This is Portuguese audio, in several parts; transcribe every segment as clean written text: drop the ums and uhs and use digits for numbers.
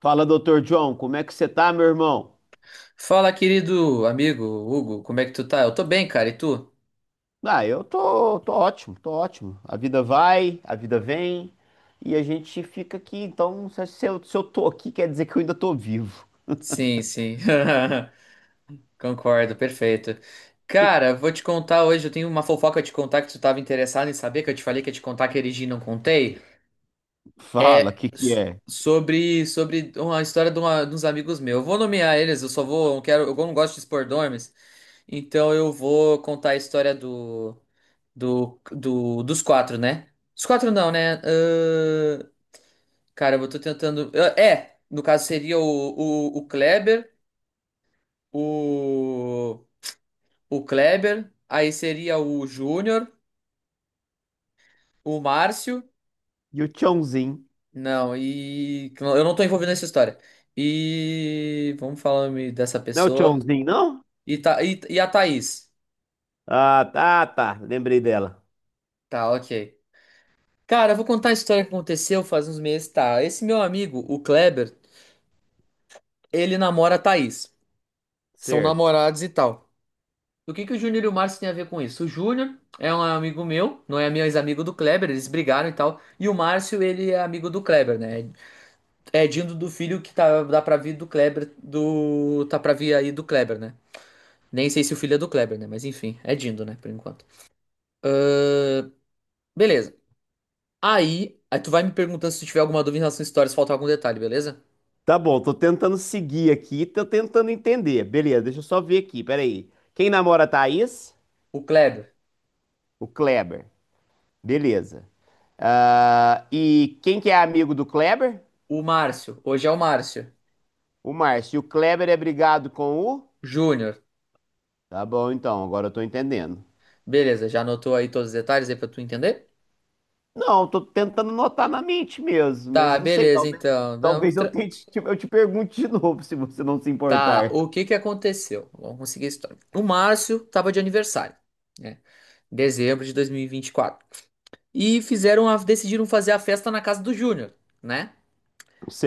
Fala, doutor John, como é que você tá, meu irmão? Fala, querido amigo Hugo, como é que tu tá? Eu tô bem, cara, e tu? Ah, eu tô, tô ótimo. A vida vai, a vida vem e a gente fica aqui. Então, se eu tô aqui, quer dizer que eu ainda tô vivo. Sim, sim. Concordo, perfeito. Que- Cara, vou te contar hoje, eu tenho uma fofoca de contar que tu tava interessado em saber, que eu te falei que ia te contar que erigi e não contei. Fala, o É que que s- é? sobre uma história de uns amigos meus. Eu vou nomear eles, eu só vou, eu quero, eu não gosto de expor nomes, então eu vou contar a história do do, do dos quatro, né? Os quatro não, né? Cara, eu tô tentando. É, no caso seria o Kleber, o, aí seria o Júnior, o Márcio. E o Chãozinho? Não, eu não tô envolvido nessa história. Vamos falar me dessa Não é o pessoa. Chãozinho, não? E a Thaís. Ah, tá, tá, lembrei dela. Tá, ok. Cara, eu vou contar a história que aconteceu faz uns meses. Tá, esse meu amigo, o Kleber, ele namora a Thaís. São Certo. namorados e tal. O que que o Júnior e o Márcio têm a ver com isso? O Júnior é um amigo meu, não é meu ex-amigo do Kleber, eles brigaram e tal. E o Márcio, ele é amigo do Kleber, né? É Dindo do filho que tá, dá pra vir do Kleber, do tá pra vir aí do Kleber, né? Nem sei se o filho é do Kleber, né? Mas enfim, é Dindo, né? Por enquanto. Ahn, Beleza. Aí tu vai me perguntando se tu tiver alguma dúvida em relação à história, se faltar algum detalhe, beleza? Tá bom, tô tentando seguir aqui, tô tentando entender. Beleza, deixa eu só ver aqui, peraí. Quem namora a Thaís? O Kleber, O Kleber. Beleza. Ah, e quem que é amigo do Kleber? o Márcio, hoje é o Márcio. O Márcio. E o Kleber é brigado com o? Júnior, Tá bom, então, agora eu tô entendendo. beleza, já anotou aí todos os detalhes aí pra tu entender? Não, tô tentando anotar na mente mesmo, Tá, mas não sei, beleza, talvez, então. Não, talvez eu tra- tente, eu te pergunte de novo, se você não se Tá, importar. o que que aconteceu? Vamos conseguir a história. O Márcio tava de aniversário, né? Dezembro de 2024. E 24. E fizeram decidiram fazer a festa na casa do Júnior, né?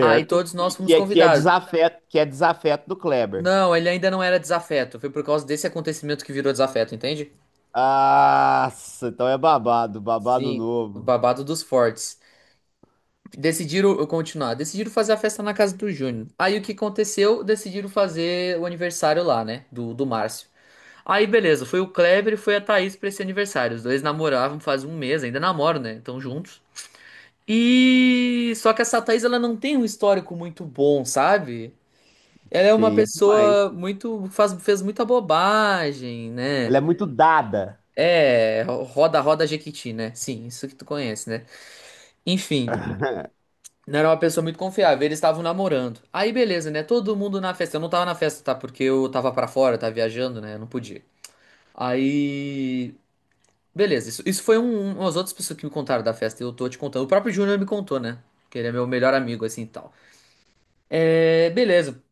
Aí todos nós E fomos convidados. Que é desafeto do Kleber. Não, ele ainda não era desafeto. Foi por causa desse acontecimento que virou desafeto, entende? Nossa, então é babado, babado Sim, o novo. babado dos fortes. Decidiram eu continuar. Decidiram fazer a festa na casa do Júnior. Aí o que aconteceu? Decidiram fazer o aniversário lá, né? Do Márcio. Aí, beleza, foi o Kleber e foi a Thaís pra esse aniversário. Os dois namoravam faz um mês, ainda namoram, né? Estão juntos. E só que essa Thaís, ela não tem um histórico muito bom, sabe? Ela é uma Sei demais. pessoa muito faz fez muita bobagem, né? Ela é muito dada. Roda roda Jequiti, né? Sim, isso que tu conhece, né? Enfim, não era uma pessoa muito confiável, eles estavam namorando. Aí beleza, né? Todo mundo na festa. Eu não tava na festa, tá? Porque eu tava pra fora, eu tava viajando, né? Eu não podia. Aí beleza, isso foi umas outras pessoas que me contaram da festa e eu tô te contando. O próprio Júnior me contou, né? Que ele é meu melhor amigo, assim e tal. É, beleza.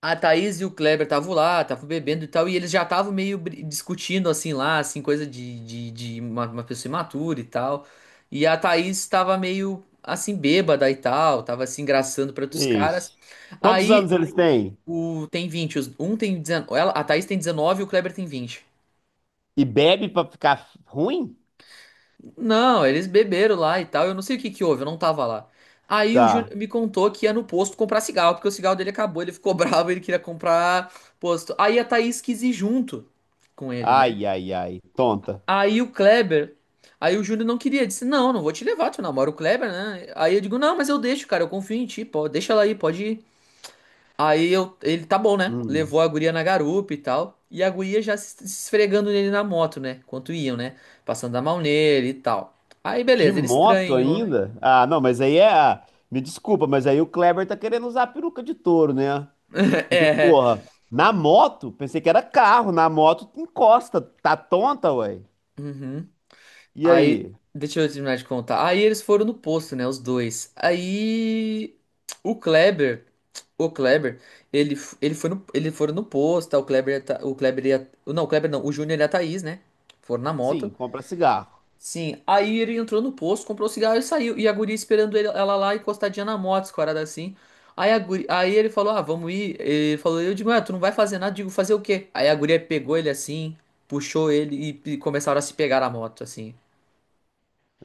A Thaís e o Kleber estavam lá, estavam bebendo e tal, e eles já estavam discutindo, assim, lá, assim, coisa de uma pessoa imatura e tal. E a Thaís estava meio, assim, bêbada e tal, tava se engraçando para outros caras. Ixi. Quantos Aí, anos eles têm? o, tem 20 os- um tem 19, ela, a Thaís tem 19 e o Kleber tem 20. E bebe pra ficar ruim? Não, eles beberam lá e tal. Eu não sei o que que houve, eu não tava lá. Aí o Tá. Júnior me contou que ia no posto comprar cigarro, porque o cigarro dele acabou, ele ficou bravo, ele queria comprar posto. Aí a Thaís quis ir junto com ele, né? Ai, ai, ai. Tonta. Aí o Kleber, aí o Júnior não queria, disse: "Não, não vou te levar, tu namora o Kleber, né?" Aí eu digo: "Não, mas eu deixo, cara, eu confio em ti, pô, deixa ela aí, pode ir." Ele tá bom, né? Hum. Levou a guria na garupa e tal. E a guria já se esfregando nele na moto, né? Enquanto iam, né? Passando a mão nele e tal. Aí De beleza, ele moto estranhou. ainda? Ah, não, mas aí é. Me desculpa, mas aí o Kleber tá querendo usar a peruca de touro, né? Porque, É. porra, na moto, pensei que era carro, na moto encosta, tá tonta, ué. Uhum. E Aí, aí? deixa eu terminar de contar. Aí eles foram no posto, né? Os dois. Aí o Kleber, o Kleber, ele foram no posto, tá? O Kleber, e a Tha- o Kleber, e a- não, o Kleber não, o Júnior e a Thaís, né? Foram na Sim, moto. compra cigarro. Sim, aí ele entrou no posto, comprou o cigarro e saiu. E a guria esperando ela lá encostadinha na moto, escorada assim. Aí, aí ele falou: "Ah, vamos ir." Ele falou, eu digo: "Ué, tu não vai fazer nada." Eu digo: "Fazer o quê?" Aí a guria pegou ele assim, puxou ele e começaram a se pegar na moto, assim.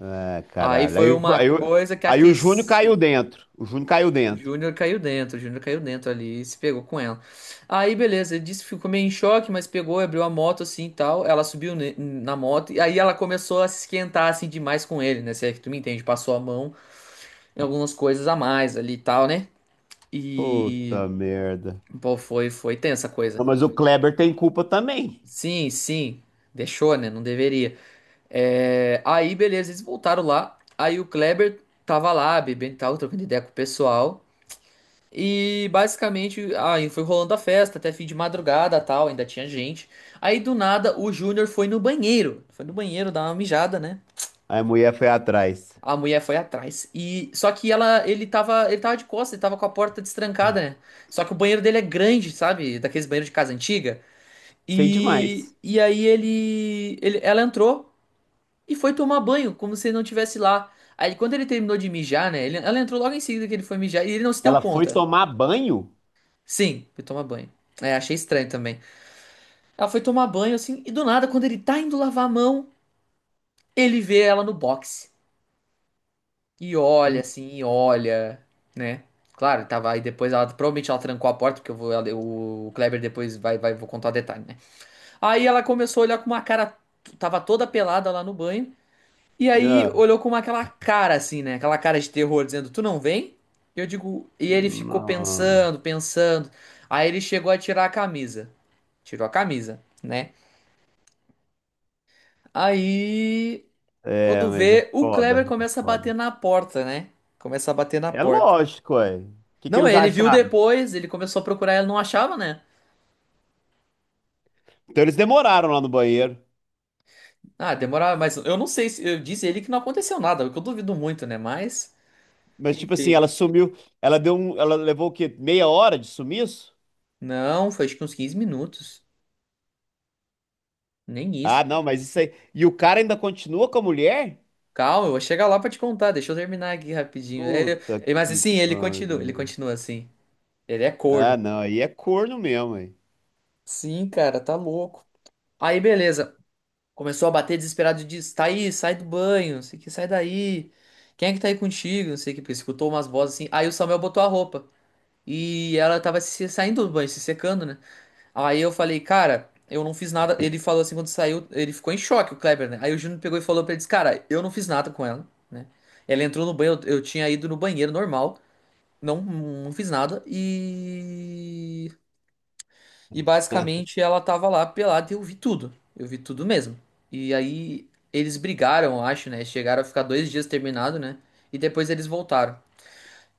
É, Aí caralho. Foi uma coisa que Aí o Júnior caiu aqueceu. dentro. O Júnior caiu dentro. O Júnior caiu dentro ali e se pegou com ela. Aí, beleza, ele disse que ficou meio em choque, mas pegou, abriu a moto assim e tal. Ela subiu na moto e aí ela começou a se esquentar assim demais com ele, né? Se é que tu me entende, passou a mão em algumas coisas a mais ali e tal, né? E, Puta merda. pô, foi tensa a Não, coisa. mas o Kleber tem culpa também. Sim, sim, deixou, né? Não deveria. É. Aí, beleza, eles voltaram lá. Aí o Kleber tava lá, bebendo e tal, trocando ideia com o pessoal. E basicamente, aí foi rolando a festa até fim de madrugada, tal, ainda tinha gente. Aí do nada o Júnior foi no banheiro dar uma mijada, né? Aí a mulher foi atrás. A mulher foi atrás. E só que ele tava de costas, ele tava com a porta destrancada, né? Só que o banheiro dele é grande, sabe? Daqueles banheiros de casa antiga. Sei E demais. e aí ele ela entrou e foi tomar banho, como se ele não tivesse lá. Aí quando ele terminou de mijar, né? Ela entrou logo em seguida que ele foi mijar e ele não se deu Ela foi conta. tomar banho? Sim, foi tomar banho. É, achei estranho também. Ela foi tomar banho, assim, e do nada, quando ele tá indo lavar a mão, ele vê ela no boxe. E olha, Hum. assim, e olha, né? Claro, tava aí depois, provavelmente ela trancou a porta, porque o Kleber depois vou contar o detalhe, né? Aí ela começou a olhar com uma cara, tava toda pelada lá no banho, e aí Ah, olhou com aquela cara, assim, né? Aquela cara de terror, dizendo: "Tu não vem?" Eu digo, e ele ficou não. pensando, pensando. Aí ele chegou a tirar a camisa. Tirou a camisa, né? Aí, É, quando mas é vê, o Kleber foda, é começa a bater foda. na porta, né? Começa a bater na É porta. lógico, ué. O que que Não, eles ele viu acharam? depois, ele começou a procurar, ele não achava, né? Então eles demoraram lá no banheiro. Ah, demorava, mas eu não sei se eu disse ele que não aconteceu nada, o que eu duvido muito, né? Mas, Mas, tipo assim, enfim. ela sumiu. Ela deu um. Ela levou o quê? Meia hora de sumiço? Não, foi acho que uns 15 minutos. Nem Ah, isso. não, mas isso aí. E o cara ainda continua com a mulher? Calma, eu vou chegar lá pra te contar, deixa eu terminar aqui rapidinho. Puta Mas que assim, ele pariu. continua assim. Ele é corno. Ah, não, aí é corno mesmo, hein? Sim, cara, tá louco. Aí, beleza. Começou a bater desesperado e disse: "Thaís, sai do banho, não sei o que, sai daí. Quem é que tá aí contigo?" Não sei o que, porque escutou umas vozes assim. Aí o Samuel botou a roupa. E ela tava se saindo do banho, se secando, né? Aí eu falei: "Cara, eu não fiz nada." Ele falou assim quando saiu, ele ficou em choque, o Kleber, né? Aí o Júnior pegou e falou pra ele, disse: "Cara, eu não fiz nada com ela, né? Ela entrou no banho, eu tinha ido no banheiro normal, não, não fiz nada." E. E basicamente ela tava lá pelada e eu vi tudo. Eu vi tudo mesmo. E aí eles brigaram, eu acho, né? Chegaram a ficar 2 dias terminado, né? E depois eles voltaram.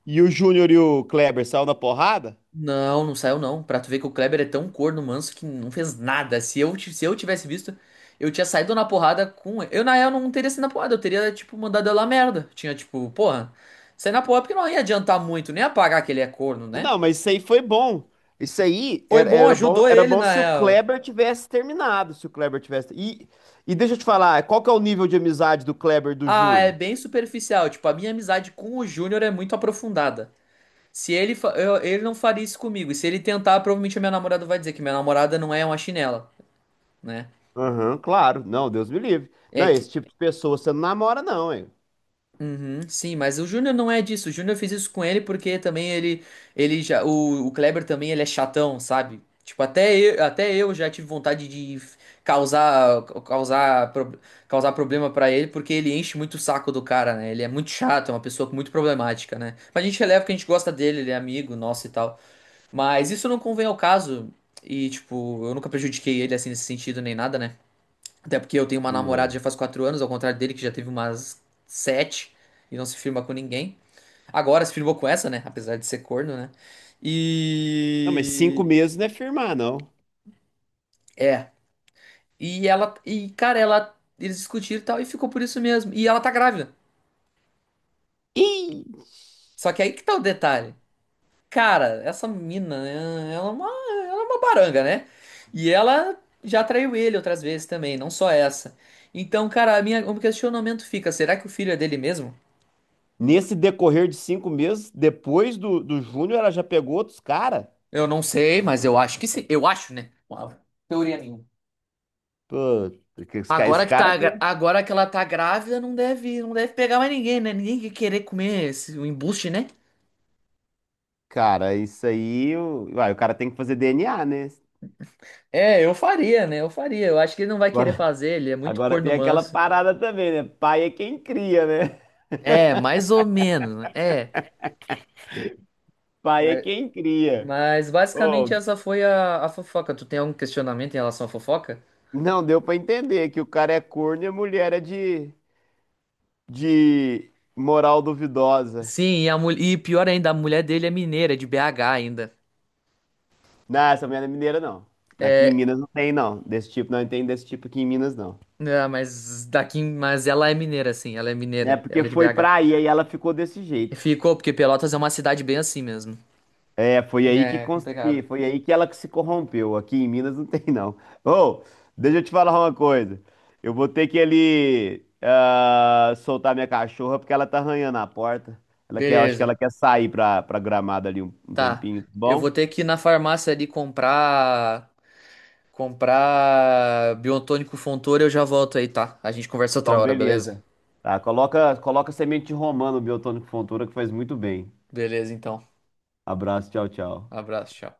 E o Júnior e o Kleber saiu na porrada? Não, não saiu não. Pra tu ver que o Kleber é tão corno manso que não fez nada. Se eu tivesse visto, eu tinha saído na porrada com ele. Eu, na real, não teria sido na porrada. Eu teria, tipo, mandado ela a merda. Tinha, tipo, porra, sair na porrada porque não ia adiantar muito, nem apagar que ele é corno, né? Não, mas isso aí foi bom. Isso aí Foi era, bom, ajudou era ele, bom na se o real. Kleber tivesse terminado, se o Kleber tivesse. E deixa eu te falar, qual que é o nível de amizade do Kleber e do Ah, é Júnior? bem superficial. Tipo, a minha amizade com o Júnior é muito aprofundada. Se ele, fa- eu- ele não faria isso comigo, e se ele tentar, provavelmente a minha namorada vai dizer que minha namorada não é uma chinela, né? Aham, claro. Não, Deus me livre. É. Não, esse tipo de pessoa você não namora, não, hein? Uhum, sim, mas o Júnior não é disso. O Júnior fez isso com ele porque também o Kleber também ele é chatão, sabe? Tipo, até eu já tive vontade de causar, causar, pro- causar problema pra ele porque ele enche muito o saco do cara, né? Ele é muito chato, é uma pessoa muito problemática, né? Mas a gente releva que a gente gosta dele, ele é amigo nosso e tal. Mas isso não convém ao caso e, tipo, eu nunca prejudiquei ele assim nesse sentido nem nada, né? Até porque eu tenho uma Né? namorada já faz 4 anos, ao contrário dele, que já teve umas sete e não se firma com ninguém. Agora se firmou com essa, né? Apesar de ser corno, né? Não, mas cinco E. meses não é firmar, não. É. E ela. E, cara, ela. Eles discutiram e tal, e ficou por isso mesmo. E ela tá grávida. Ih! Só que aí que tá o detalhe. Cara, essa mina, ela é uma baranga, né? E ela já traiu ele outras vezes também, não só essa. Então, cara, o meu questionamento fica: será que o filho é dele mesmo? Nesse decorrer de 5 meses, depois do, do Júnior, ela já pegou outros caras. Eu não sei, mas eu acho que sim. Eu acho, né? Uma teoria minha. Pô, porque esse cara tem. Agora que ela tá grávida, não deve pegar mais ninguém, né? Ninguém que querer comer esse o embuste, né? Cara, isso aí. Uai, o cara tem que fazer DNA, né? É, eu faria, né? Eu faria. Eu acho que ele não vai querer Agora, fazer, ele é muito agora tem corno aquela manso. parada também, né? Pai é quem cria, né? É, mais ou menos, né? É. Pai é quem cria. Mas basicamente Oh, essa foi a fofoca. Tu tem algum questionamento em relação à fofoca? não deu pra entender que o cara é corno e a mulher é de moral duvidosa. Sim, e pior ainda, a mulher dele é mineira, de BH ainda. Não, essa mulher não é mineira, não. Aqui em É, Minas não tem, não. Desse tipo, não tem desse tipo aqui em Minas, não. não, mas daqui, mas ela é mineira, sim, ela é Né? mineira, Porque ela é de foi BH. pra aí, aí ela ficou desse jeito. Ficou, porque Pelotas é uma cidade bem assim mesmo. É, foi aí que É, consegui, complicado. foi aí que ela se corrompeu. Aqui em Minas não tem, não. Ô, deixa eu te falar uma coisa. Eu vou ter que ali soltar minha cachorra porque ela tá arranhando a porta. Ela quer, eu acho que ela Beleza. quer sair pra, pra gramado ali um, um Tá. tempinho, tá Eu vou bom? ter que ir na farmácia ali comprar. Comprar Biotônico Fontoura, e eu já volto aí, tá? A gente conversa outra Então, hora, beleza? beleza. Tá, coloca, coloca semente de romã no Biotônico Fontoura que faz muito bem. Beleza, então. Abraço, tchau, tchau. Abraço, tchau.